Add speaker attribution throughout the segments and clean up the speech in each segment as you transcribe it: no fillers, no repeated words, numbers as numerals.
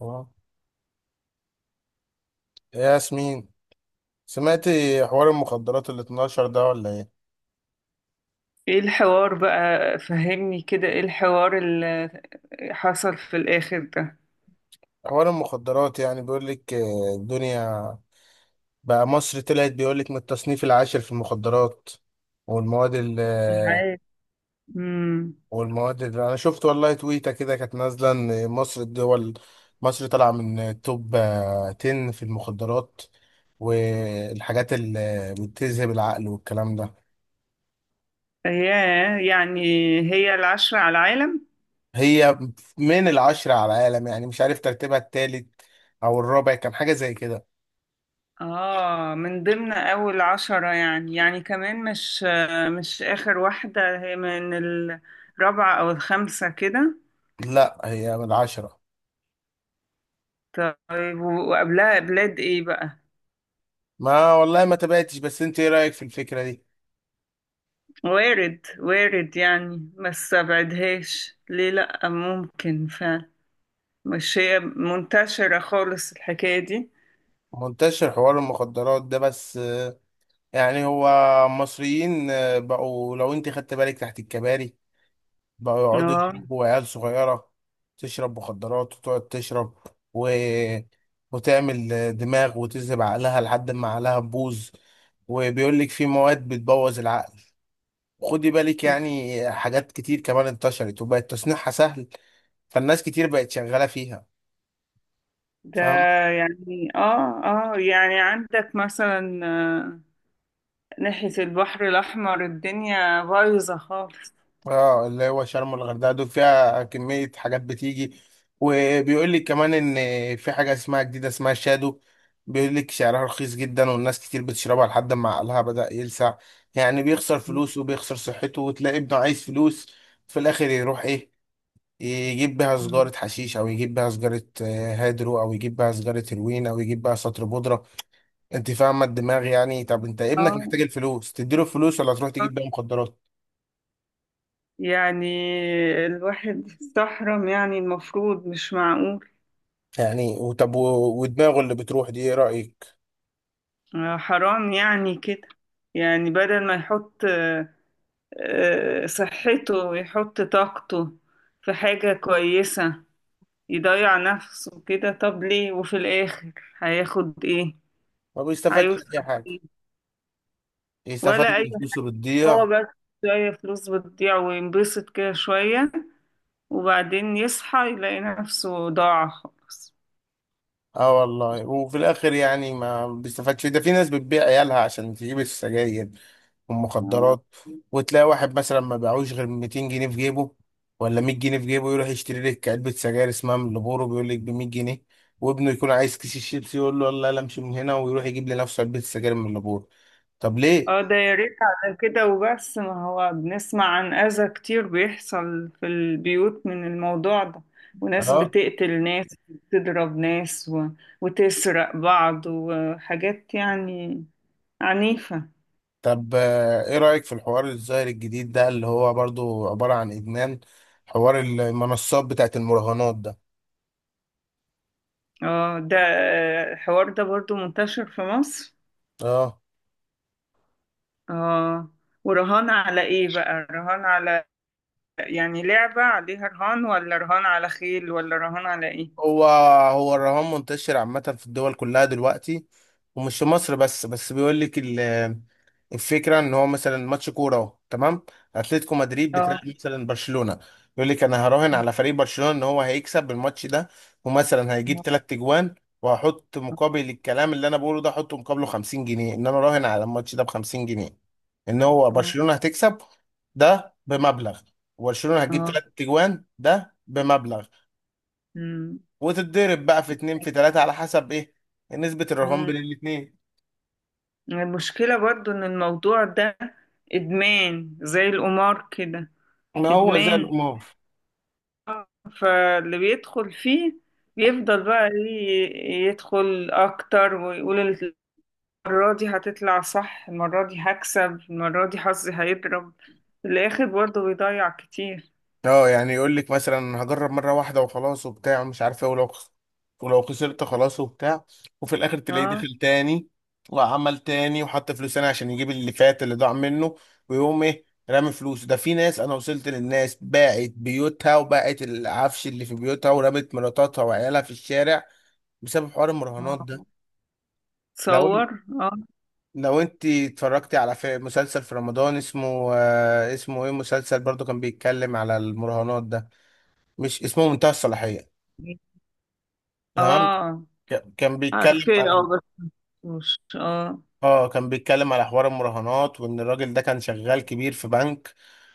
Speaker 1: اه يا ياسمين، سمعتي حوار المخدرات ال 12 ده ولا ايه؟
Speaker 2: ايه الحوار بقى فهمني كده، ايه الحوار اللي حصل في الاخر ده؟
Speaker 1: حوار المخدرات يعني بيقول لك، الدنيا بقى مصر طلعت، بيقول لك من التصنيف العاشر في المخدرات والمواد ال آه،
Speaker 2: العالم. امم.
Speaker 1: والمواد اللي انا شفت. والله تويتة كده كانت نازلة ان مصر طالعة من التوب 10 في المخدرات والحاجات اللي بتذهب العقل والكلام ده.
Speaker 2: ايه يعني؟ هي الـ10 على العالم؟
Speaker 1: هي من العشرة على العالم، يعني مش عارف ترتيبها التالت أو الرابع، كان حاجة زي كده.
Speaker 2: اه، من ضمن اول 10، يعني كمان مش اخر واحدة، هي من الرابعة او الخامسة كده.
Speaker 1: لا، هي من العشرة.
Speaker 2: طيب، وقبلها بلاد ايه بقى؟
Speaker 1: ما والله ما تابعتش، بس أنت إيه رأيك في الفكرة دي؟
Speaker 2: وارد وارد، يعني ما استبعدهاش ليه، لأ ممكن فعلا. مش هي منتشرة خالص الحكاية دي.
Speaker 1: منتشر حوار المخدرات ده، بس يعني هو مصريين بقوا، لو أنت خدت بالك تحت الكباري بقوا يقعدوا
Speaker 2: اه.
Speaker 1: يشربوا، عيال صغيرة تشرب مخدرات وتقعد تشرب و... وتعمل دماغ وتذهب عقلها لحد ما عقلها تبوظ. وبيقول لك في مواد بتبوظ العقل، خدي بالك. يعني حاجات كتير كمان انتشرت وبقت تصنيعها سهل، فالناس كتير بقت شغالة فيها،
Speaker 2: ده.
Speaker 1: فاهم؟
Speaker 2: يعني عندك مثلا ناحية البحر الأحمر الدنيا بايظة خالص.
Speaker 1: اه، اللي هو شرم والغردقة دول فيها كمية حاجات بتيجي. وبيقول لك كمان ان في حاجة اسمها جديدة، اسمها شادو، بيقول لك سعرها رخيص جدا والناس كتير بتشربها لحد ما عقلها بدأ يلسع. يعني بيخسر
Speaker 2: مم.
Speaker 1: فلوس وبيخسر صحته وتلاقي ابنه عايز فلوس، في الآخر يروح ايه، يجيب بيها سجارة حشيش أو يجيب بيها سجارة هيدرو أو يجيب بيها سجارة هيروين أو يجيب بيها سطر بودرة. انت فاهمه الدماغ يعني؟ طب انت ابنك محتاج
Speaker 2: اه.
Speaker 1: الفلوس، تديله الفلوس ولا تروح
Speaker 2: آه.
Speaker 1: تجيب بيها مخدرات؟
Speaker 2: يعني الواحد استحرم، يعني المفروض مش معقول.
Speaker 1: يعني، وطب ودماغه اللي بتروح دي ايه رايك؟
Speaker 2: حرام يعني كده. يعني بدل ما يحط صحته ويحط طاقته في حاجة كويسة. يضيع نفسه كده، طب ليه؟ وفي الآخر هياخد ايه؟
Speaker 1: ما بيستفادش
Speaker 2: هيوصل
Speaker 1: اي حاجه،
Speaker 2: ايه؟
Speaker 1: يستفاد
Speaker 2: ولا أي.
Speaker 1: ان فلوسه
Speaker 2: هو
Speaker 1: بتضيع.
Speaker 2: بس شوية فلوس بتضيع وينبسط كده شوية، وبعدين يصحى يلاقي نفسه ضاع خالص.
Speaker 1: اه والله، وفي الاخر يعني ما بيستفادش. ده في ناس بتبيع عيالها عشان تجيب السجاير
Speaker 2: اه.
Speaker 1: والمخدرات، وتلاقي واحد مثلا ما باعوش غير 200 جنيه في جيبه ولا 100 جنيه في جيبه، يروح يشتري لك علبة سجاير اسمها مالبورو، بيقول لك ب 100 جنيه، وابنه يكون عايز كيس الشيبسي، يقول له يلا يلا امشي من هنا، ويروح يجيب لنفسه علبة سجاير مالبورو. طب ليه؟
Speaker 2: ده يا ريت على كده وبس، ما هو بنسمع عن أذى كتير بيحصل في البيوت من الموضوع ده، وناس
Speaker 1: اه.
Speaker 2: بتقتل ناس وتضرب ناس وتسرق بعض، وحاجات يعني عنيفة.
Speaker 1: طب ايه رأيك في الحوار الظاهر الجديد ده اللي هو برضو عبارة عن ادمان، حوار المنصات بتاعت المراهنات ده؟
Speaker 2: اه، ده الحوار ده برضو منتشر في مصر.
Speaker 1: اه.
Speaker 2: اه. ورهان على ايه بقى؟ رهان على يعني لعبة عليها رهان، ولا رهان على خيل، ولا رهان على ايه؟
Speaker 1: هو هو الرهان منتشر عامة في الدول كلها دلوقتي، ومش في مصر بس، بس بيقول لك الفكرة ان هو مثلا ماتش كورة، اهو تمام، اتلتيكو مدريد بتلعب
Speaker 2: اه.
Speaker 1: مثلا برشلونة، يقول لك انا هراهن على فريق برشلونة ان هو هيكسب الماتش ده، ومثلا هيجيب 3 اجوان، وهحط مقابل الكلام اللي انا بقوله ده احط مقابله 50 جنيه، ان انا راهن على الماتش ده ب 50 جنيه ان هو
Speaker 2: اه.
Speaker 1: برشلونة هتكسب، ده بمبلغ، وبرشلونة هتجيب
Speaker 2: اه.
Speaker 1: 3 اجوان ده بمبلغ،
Speaker 2: أمم.
Speaker 1: وتتضرب بقى في اتنين في تلاتة على حسب ايه، نسبة الرهان
Speaker 2: أمم.
Speaker 1: بين الاتنين.
Speaker 2: المشكلة برضو ان الموضوع ده ادمان زي القمار كده.
Speaker 1: ما هو زي
Speaker 2: ادمان.
Speaker 1: القمار.
Speaker 2: فاللي بيدخل فيه بيفضل بقى يدخل اكتر ويقول المرة دي هتطلع صح، المرة دي هكسب، المرة دي حظي هيضرب. في الآخر برضه بيضيع كتير.
Speaker 1: اه، يعني يقول لك مثلا هجرب مرة واحدة وخلاص وبتاع ومش عارف ايه، ولو خسرت خلاص وبتاع. وفي الاخر تلاقيه
Speaker 2: اه.
Speaker 1: داخل تاني، وعمل تاني وحط فلوس تاني عشان يجيب اللي فات اللي ضاع منه، ويقوم ايه، رامي فلوس ده. في ناس انا وصلت للناس باعت بيوتها وباعت العفش اللي في بيوتها، ورمت مراتاتها وعيالها في الشارع بسبب حوار المراهنات ده.
Speaker 2: اه،
Speaker 1: لو
Speaker 2: تصور. اه.
Speaker 1: لو انت اتفرجتي على في مسلسل في رمضان اسمه، اسمه ايه، مسلسل برضو كان بيتكلم على المراهنات ده، مش اسمه منتهى الصلاحية؟ تمام.
Speaker 2: اه،
Speaker 1: ك- كان بيتكلم
Speaker 2: عارفة، اه،
Speaker 1: على
Speaker 2: بس. مش. اه.
Speaker 1: اه، كان بيتكلم على حوار المراهنات، وان الراجل ده كان شغال كبير في بنك،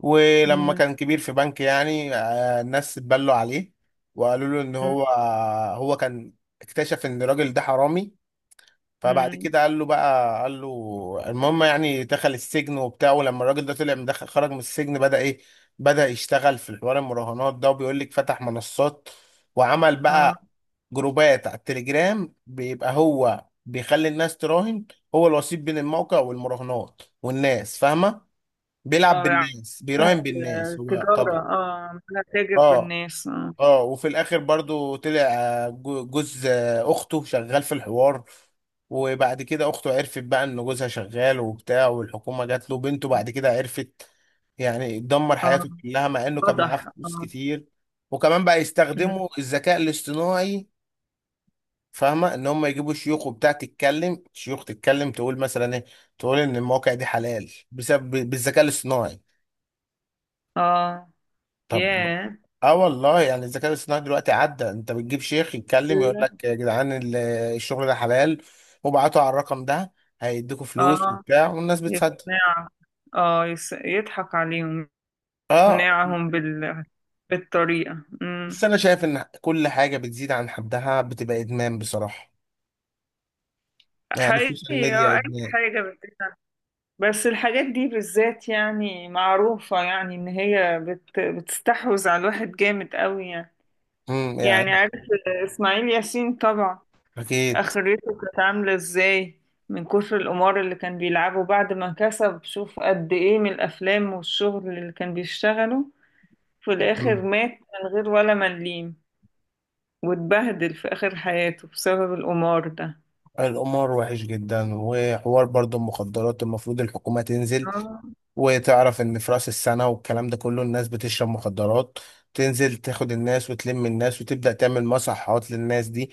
Speaker 1: ولما
Speaker 2: مم،
Speaker 1: كان كبير في بنك، يعني الناس اتبلوا عليه، وقالوا له ان
Speaker 2: مم،
Speaker 1: هو كان اكتشف ان الراجل ده حرامي. فبعد
Speaker 2: مم.
Speaker 1: كده قال له بقى قال له المهم، يعني دخل السجن وبتاع، ولما الراجل ده طلع من دخل خرج من السجن، بدأ ايه، بدأ يشتغل في الحوار المراهنات ده، وبيقول لك فتح منصات، وعمل
Speaker 2: اه
Speaker 1: بقى جروبات على التليجرام، بيبقى هو بيخلي الناس تراهن، هو الوسيط بين الموقع والمراهنات والناس، فاهمة؟ بيلعب
Speaker 2: اه يعني
Speaker 1: بالناس، بيراهن بالناس هو
Speaker 2: التجارة
Speaker 1: طبعا.
Speaker 2: عمالة تاجر
Speaker 1: اه،
Speaker 2: بالناس. اه.
Speaker 1: اه. وفي الاخر برضو طلع جوز اخته شغال في الحوار، وبعد كده اخته عرفت بقى ان جوزها شغال وبتاع، والحكومة جات له بنته، بعد كده عرفت. يعني دمر
Speaker 2: اه،
Speaker 1: حياته كلها مع انه كان معاه
Speaker 2: واضح.
Speaker 1: فلوس
Speaker 2: اه.
Speaker 1: كتير. وكمان بقى
Speaker 2: مم.
Speaker 1: يستخدموا الذكاء الاصطناعي، فاهمة ان هم يجيبوا شيوخ وبتاع تتكلم، شيوخ تتكلم تقول مثلا ايه، تقول ان المواقع دي حلال بسبب بالذكاء الاصطناعي.
Speaker 2: اه.
Speaker 1: طب،
Speaker 2: ياه!
Speaker 1: اه والله. يعني الذكاء الاصطناعي دلوقتي عدى، انت بتجيب شيخ يتكلم يقول لك يا جدعان، الشغل ده حلال، وابعتوا على الرقم ده هيديكوا فلوس
Speaker 2: اه.
Speaker 1: وبتاع، والناس بتصدق.
Speaker 2: يقنع. اه، يضحك عليهم.
Speaker 1: اه،
Speaker 2: اقناعهم بالطريقة
Speaker 1: بس
Speaker 2: امم
Speaker 1: انا شايف ان كل حاجه بتزيد عن حدها بتبقى ادمان بصراحه، يعني السوشيال
Speaker 2: حقيقي.
Speaker 1: ميديا
Speaker 2: اي
Speaker 1: ادمان.
Speaker 2: حاجة بس الحاجات دي بالذات يعني معروفة، يعني ان هي بتستحوذ على الواحد جامد قوي يعني. يعني،
Speaker 1: يعني
Speaker 2: عارف اسماعيل ياسين طبعا،
Speaker 1: اكيد.
Speaker 2: اخرته كانت عاملة ازاي؟ من كتر القمار اللي كان بيلعبه بعد ما كسب. شوف قد ايه من الافلام والشغل اللي كان بيشتغله، في
Speaker 1: مم.
Speaker 2: الاخر مات من غير ولا مليم، واتبهدل في اخر حياته بسبب القمار.
Speaker 1: القمار وحش جدا، وحوار برضو المخدرات المفروض الحكومه تنزل،
Speaker 2: ده
Speaker 1: وتعرف ان في راس السنه والكلام ده كله الناس بتشرب مخدرات، تنزل تاخد الناس وتلم الناس وتبدا تعمل مصحات للناس دي،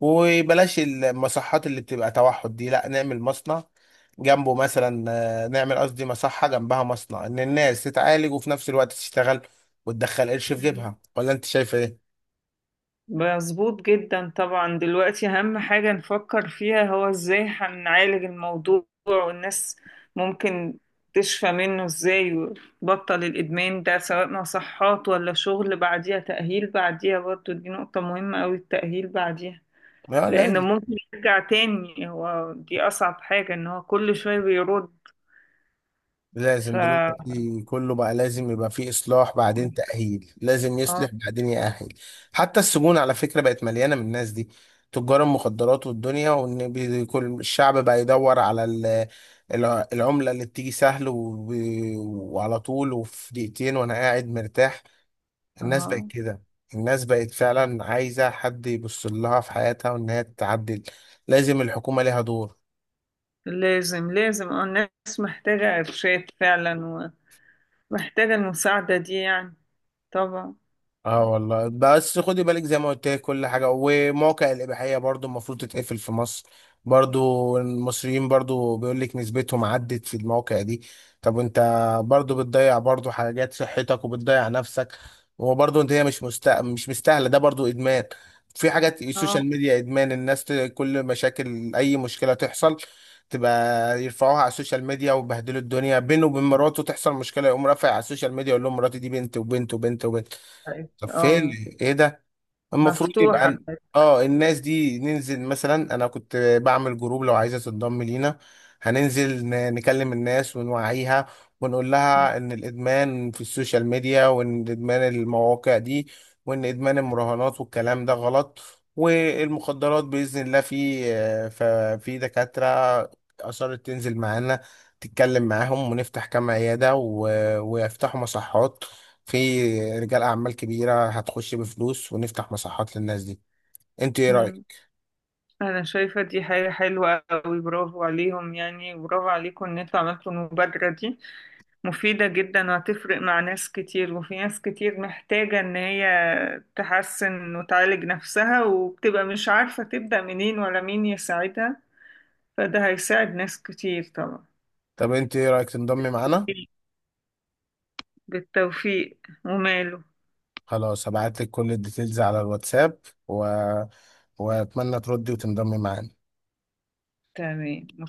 Speaker 1: وبلاش المصحات اللي بتبقى توحد دي، لا نعمل مصنع جنبه مثلا، نعمل قصدي مصحه جنبها مصنع، ان الناس تتعالج وفي نفس الوقت تشتغل وتدخل قرش في جيبها، ولا انت شايفه ايه؟
Speaker 2: مظبوط جدا طبعا. دلوقتي أهم حاجة نفكر فيها هو ازاي هنعالج الموضوع، والناس ممكن تشفى منه ازاي، وتبطل الإدمان ده سواء مصحات ولا شغل بعديها تأهيل. بعديها برضو دي نقطة مهمة أوي، التأهيل بعديها،
Speaker 1: لا،
Speaker 2: لأنه ممكن يرجع تاني. هو دي أصعب حاجة إن هو كل شوية بيرد. ف
Speaker 1: لازم
Speaker 2: اه
Speaker 1: دلوقتي كله بقى لازم يبقى فيه إصلاح بعدين تأهيل، لازم يصلح بعدين يأهل. حتى السجون على فكرة بقت مليانة من الناس دي، تجار المخدرات والدنيا، وإن كل الشعب بقى يدور على العملة اللي بتيجي سهل وعلى طول، وفي دقيقتين وأنا قاعد مرتاح. الناس بقت
Speaker 2: اه،
Speaker 1: كده، الناس بقت فعلا عايزة حد يبص لها في حياتها وإن هي تتعدل، لازم الحكومة ليها دور.
Speaker 2: لازم لازم الناس محتاجة إرشاد فعلا، محتاجة المساعدة دي يعني، طبعا.
Speaker 1: اه والله، بس خدي بالك زي ما قلت لك كل حاجه. ومواقع الاباحيه برضو المفروض تتقفل في مصر، برضو المصريين برضو بيقول لك نسبتهم عدت في المواقع دي. طب انت برضو بتضيع برضو حاجات، صحتك وبتضيع نفسك. وبرضو هي مش مستاهله، ده برضو ادمان. في حاجات
Speaker 2: اه.
Speaker 1: السوشيال ميديا ادمان، الناس كل مشاكل اي مشكله تحصل، تبقى يرفعوها على السوشيال ميديا، وبهدلوا الدنيا. بينه وبين مراته تحصل مشكله، يقوم رافع على السوشيال ميديا يقول لهم مراتي دي بنت وبنت وبنت وبنت. طب فين
Speaker 2: اه،
Speaker 1: ايه ده، المفروض يبقى
Speaker 2: مفتوحة.
Speaker 1: اه، الناس دي ننزل مثلا، انا كنت بعمل جروب، لو عايزه تنضم لينا، هننزل نكلم الناس ونوعيها، ونقول لها ان الادمان في السوشيال ميديا، وان ادمان المواقع دي، وان ادمان المراهنات والكلام ده غلط، والمخدرات باذن الله. في آه، ففي دكاتره اصرت تنزل معانا تتكلم معاهم، ونفتح كام عياده ويفتحوا مصحات، في رجال اعمال كبيره هتخش بفلوس ونفتح مساحات للناس دي. انت ايه
Speaker 2: مم.
Speaker 1: رايك؟
Speaker 2: أنا شايفة دي حاجة حلوة أوي، برافو عليهم، يعني برافو عليكم إن انتوا عملتوا المبادرة دي. مفيدة جدا وهتفرق مع ناس كتير، وفي ناس كتير محتاجة إن هي تحسن وتعالج نفسها، وبتبقى مش عارفة تبدأ منين ولا مين يساعدها. فده هيساعد ناس كتير طبعا.
Speaker 1: طب انت ايه رايك تنضمي معانا؟
Speaker 2: بالتوفيق. وماله.
Speaker 1: خلاص هبعت لك كل الديتيلز على الواتساب و... واتمنى تردي وتنضمي معانا.
Speaker 2: تمام، متشكرة.